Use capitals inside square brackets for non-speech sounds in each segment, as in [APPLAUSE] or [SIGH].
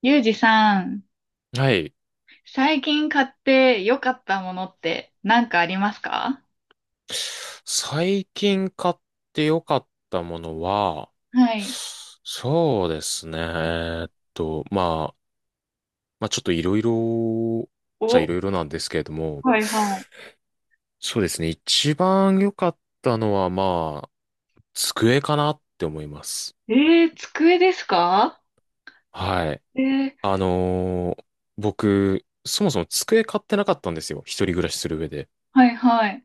ゆうじさん、はい。最近買って良かったものって何かありますか？最近買って良かったものは、はい。そうですね。まあ、まあちょっといろいろ、じゃいお、ろいろなんですけれども、はいはそうですね。一番良かったのは、まあ、机かなって思います。い。机ですか？はい。えー、あのー僕、そもそも机買ってなかったんですよ。一人暮らしする上で。はいはい。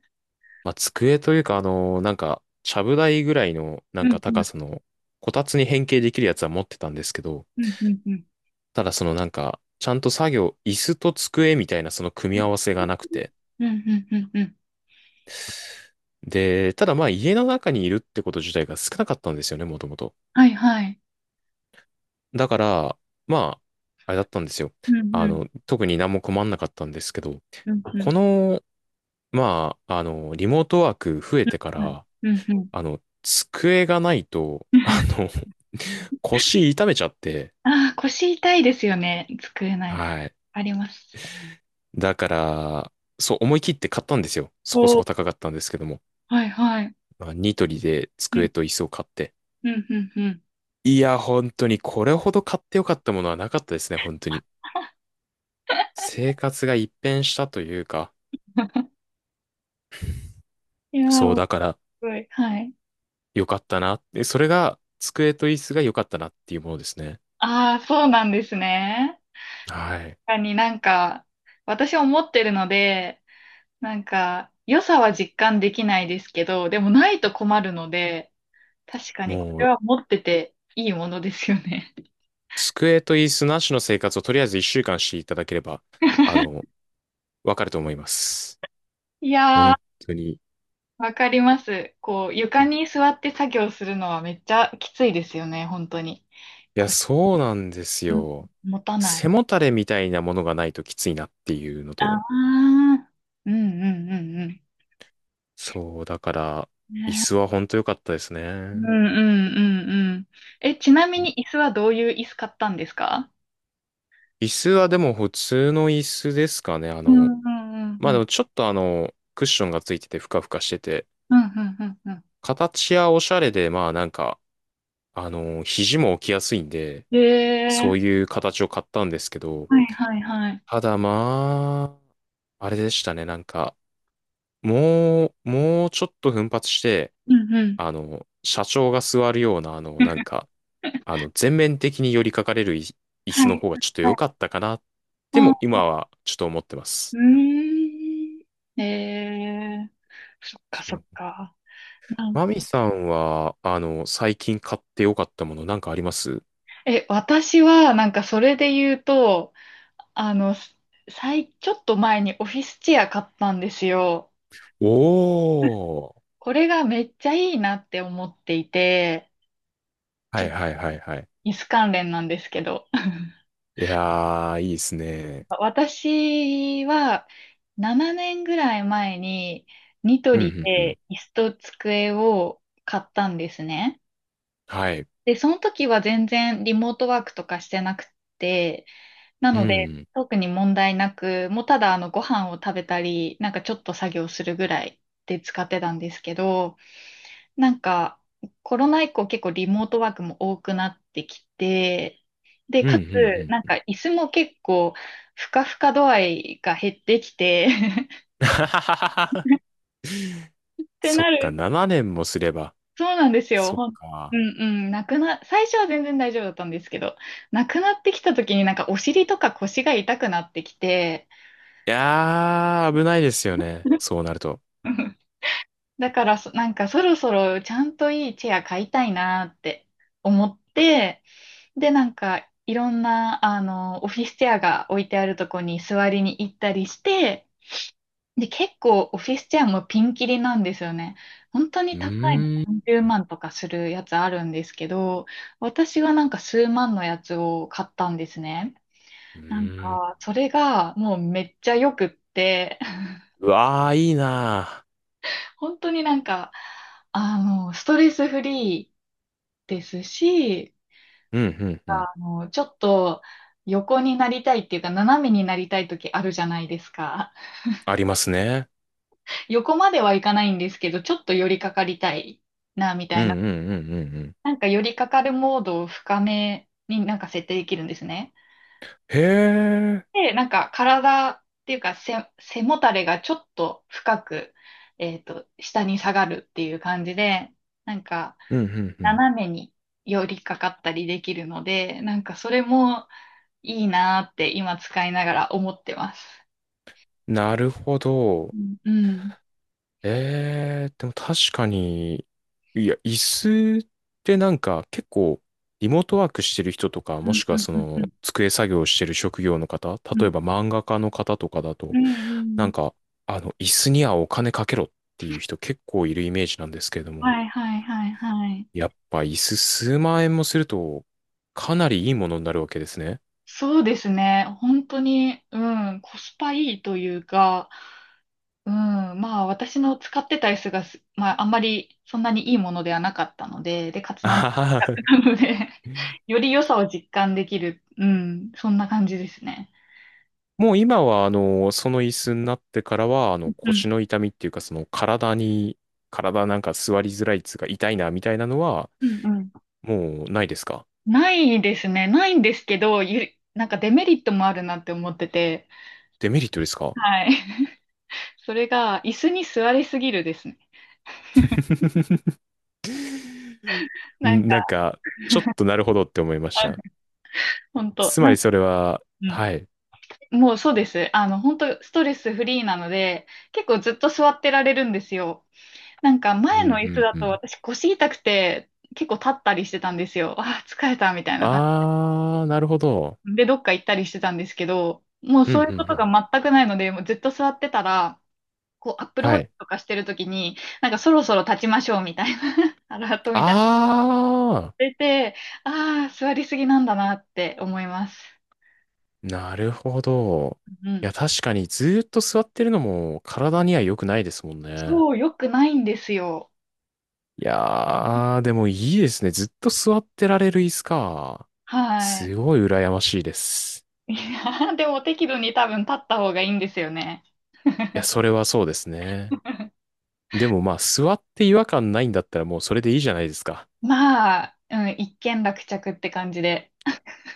まあ、机というか、なんか、ちゃぶ台ぐらいの、なうんんかう高ん、さの、こたつに変形できるやつは持ってたんですけど、うん、うん、うん、ただそのなんか、ちゃんと作業、椅子と机みたいなその組み合わせがなくて。うん、うん、うん。で、ただまあ家の中にいるってこと自体が少なかったんですよね、もともと。はいはい。だから、まあ、あれだったんですよ。うん、うん、特に何も困んなかったんですけど、うん、うこん、の、まあ、リモートワーク増えてかうん、ら、うん。うん、机がないと、[LAUGHS] [LAUGHS] 腰痛めちゃって、ああー、腰痛いですよね。机ない。はい。あります。だから、そう思い切って買ったんですよ。そこそお、こ高かったんですけども。はいはい。まあニトリでう机ん、と椅子を買って。うん、うん、うん。いや、本当にこれほど買ってよかったものはなかったですね、本当に。[LAUGHS] 生活が一変したというか、いやそうー、すだからごい。はい。よかったな。でそれが机と椅子が良かったなっていうものですね。ああ、そうなんですね。はい。なんか、私思ってるので、なんか、良さは実感できないですけど、でもないと困るので、確かにこもれう、は持ってていいものですよね。机と椅子なしの生活をとりあえず一週間していただければ、あの、[LAUGHS] わかると思います。いや本ー、当に。いわかります。こう、床に座って作業するのはめっちゃきついですよね、本当に。や、腰そうなんですよ。持たない。背もたれみたいなものがないときついなっていうのああ、と。うんうんうんうん。そう、だから、椅子は本当良かったですうんね。うんうんうん。え、ちなみに椅子はどういう椅子買ったんですか？椅子はでも普通の椅子ですかね。うんうんうんまうあでん。もちょっとクッションがついててふかふかしてて、うんうんうんうん。形やおしゃれで、まあなんか、肘も置きやすいんで、えそーういう形を買ったんですけど、はいはいはい。ただまあ、あれでしたね。なんか、もうちょっと奮発して、うんうん。社長が座るような、なんか、[LAUGHS] 全面的に寄りかかれるい椅はい子の方がはちょっといは良い。かったかな、であもあ、今はちょっと思ってまうす。ーん。えーそっかそそっう。か。なんマかミさんは、最近買って良かったものなんかありますえ、私はなんかそれで言うと、あの、ちょっと前にオフィスチェア買ったんですよ。おー。これがめっちゃいいなって思っていて、ちはょっいとはいはいはい。椅子関連なんですけど。いやー、いいですね。私は7年ぐらい前にニトうリんうんうん。で椅子と机を買ったんですね。はい。で、その時は全然リモートワークとかしてなくて、なうのでん。特に問題なく、もうただご飯を食べたり、なんかちょっと作業するぐらいで使ってたんですけど、なんか、コロナ以降結構リモートワークも多くなってきて、で、うんうかつ、んなんうん。か椅子も結構、ふかふか度合いが減ってきて [LAUGHS] [LAUGHS] ってそなっか、る。7年もすれば。そうなんですよ。そっうか。んうん。なくな、最初は全然大丈夫だったんですけど、なくなってきた時になんかお尻とか腰が痛くなってきて、いやー、危ないですよね。そうなると。[LAUGHS] だからなんかそろそろちゃんといいチェア買いたいなって思って、で、なんか、いろんな、オフィスチェアが置いてあるとこに座りに行ったりして、で、結構オフィスチェアもピンキリなんですよね。本当うに高いのー何ん。十万とかするやつあるんですけど、私はなんか数万のやつを買ったんですね。うなんーん。か、それがもうめっちゃ良くって、[LAUGHS] うわー、いいな本当になんか、ストレスフリーですし、ー。うん、うん、うん。ちょっと横になりたいっていうか、斜めになりたい時あるじゃないですか？ありますね。[LAUGHS] 横まではいかないんですけど、ちょっと寄りかかりたいな、みたうん、いな。うん、うん、うん。うんなんか寄りかかるモードを深めになんか設定できるんですね。へー。で、なんか体っていうか背もたれがちょっと深く、下に下がるっていう感じで、なんかうん、うん、うん。斜めに寄りかかったりできるので、なんかそれもいいなーって今使いながら思ってます。なるほど。うん、うん、でも確かに、いや、椅子ってなんか結構、リモートワークしてる人とか、うもしん、くはうん、そうん、うの、ん、机作業してる職業の方、う例えん、ば漫画家の方とかだうと、なん、んか、椅子にはお金かけろっていう人結構いるイメージなんですけれども、はいはいはいはい。やっぱ椅子数万円もすると、かなりいいものになるわけですね。そうですね。本当に、うん、コスパいいというか、うん、まあ私の使ってた椅子がす、まああんまりそんなにいいものではなかったので、で、かつあなんははなので [LAUGHS] より良さを実感できる、うん、そんな感じですね。もう今は、その椅子になってからは、うん、腰の痛みっていうか、その体なんか座りづらいっつうか痛いなみたいなのは、うん。うん、もうないですか？ないですね。ないんですけど、なんかデメリットもあるなって思ってて、デメリットですか？ はい。それが、椅子に座りすぎるですね。[LAUGHS] なんなんか、か、ちょっとなるほどって思いました。本当つまなんりか、それは、うん。はい。もうそうです。本当ストレスフリーなので、結構ずっと座ってられるんですよ。なんか、うん、う前の椅子だん、うとん。私腰痛くて、結構立ったりしてたんですよ。ああ、疲れたみたいな感あー、なるほど。じ。で、どっか行ったりしてたんですけど、もううん、うそん、ういううことがん。全くないので、もうずっと座ってたら、こう、アップルウはォッチい。とかしてるときに、なんかそろそろ立ちましょうみたいな、[LAUGHS] アラートみたいなのあ出て、ああ、座りすぎなんだなって思います。ー、なるほど。ういん。や、確かにずーっと座ってるのも体には良くないですもんね。そう、良くないんですよ。いやー、でもいいですね。ずっと座ってられる椅子か。はい。すごい羨ましいです。[LAUGHS] いやでも適度に多分立った方がいいんですよね。いや、それはそうですね。[LAUGHS] でもまあ、座って違和感ないんだったらもうそれでいいじゃないですか。まあ、うん、一件落着って感じで。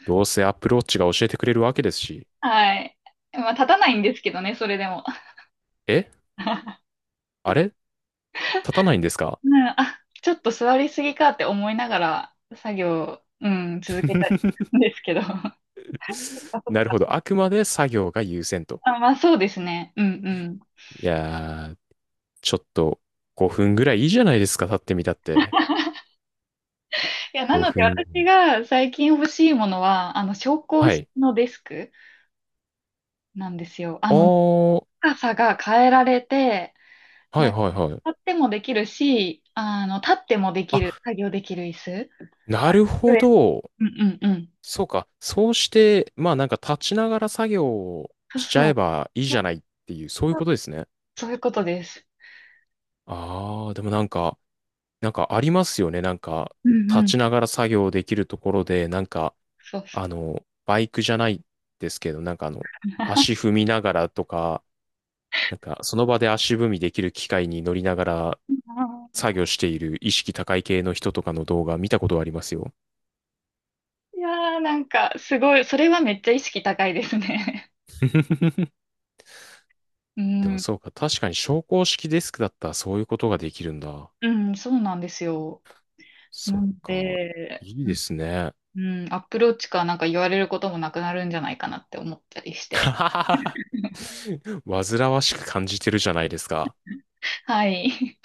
どうせアップローチが教えてくれるわけですし。はい。まあ、立たないんですけどね、それでも。え、 [LAUGHS] あれ立たないんですか？ うん、あ、ちょっと座りすぎかって思いながら作業、うん、続けたり [LAUGHS] するんですけど。[LAUGHS] [LAUGHS] あ、そっなるか、ほど。あくまで作業が優先と。あ、まあ、そうですね。うんうん。いやー、ちょっと5分ぐらいいいじゃないですか。立ってみたって。いや、なので5私分。が最近欲しいものは、昇降は式い。のデスクなんですよ。あー、高さが変えられて、はいなんかはいはい。立ってもできるし、立ってもできあ、る、作業できる椅子。なるほ上ど。うんうんうん。そうか。そうして、まあなんか立ちながら作業をそうしちゃそえう。ばいいじそうゃないっていう、そういそうう、ことですね。そういうことです。あー、でもなんか、なんかありますよね。なんか、うんう立ん。ちながら作業できるところで、なんか、そうそう。バイクじゃないですけど、なんか足 [LAUGHS] 踏みながらとか、なんかその場で足踏みできる機械に乗りながらあ作業している意識高い系の人とかの動画見たことはありますよ。ーいやー、なんか、すごい、それはめっちゃ意識高いですね。[LAUGHS] うでもん、そうか、確かに昇降式デスクだったらそういうことができるんだ。うん、そうなんですよ。そなっんか、で、いいうでん、すね。うん、アプローチかなんか言われることもなくなるんじゃないかなって思ったりして。[LAUGHS] 煩わしく感じてるじゃないですか。はい。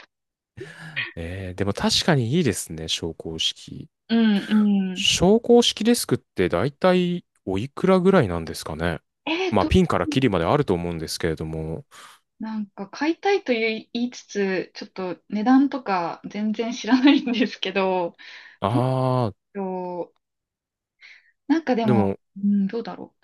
でも確かにいいですね、昇降式。[LAUGHS] うん、うん。昇降式デスクって大体おいくらぐらいなんですかね。えっまあ、と、ピンからキリまであると思うんですけれども。なんか買いたいという言いつつ、ちょっと値段とか全然知らないんですけど、[LAUGHS] どうしああ、よう。なんかででも、も、うん、どうだろ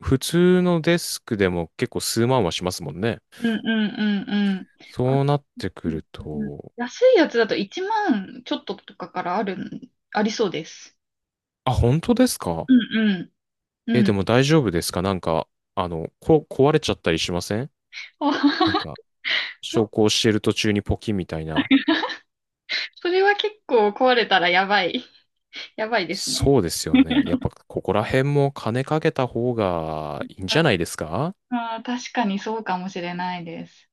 普通のデスクでも結構数万はしますもんね。う。うんうんうんうん。あ、そうなってくうんるうんと、安いやつだと1万ちょっととかからあるん、ありそうです。あ、本当ですか？うんうん。うえ、でん。も大丈夫ですか？なんか、壊れちゃったりしません？なんあ、 か、[LAUGHS] 昇そ降してる途中にポキみたいな。それは結構壊れたらやばい。やばいですね。そうですよね。やっぱここら辺も金かけた方がいいんじゃないですか？ああ、確かにそうかもしれないです。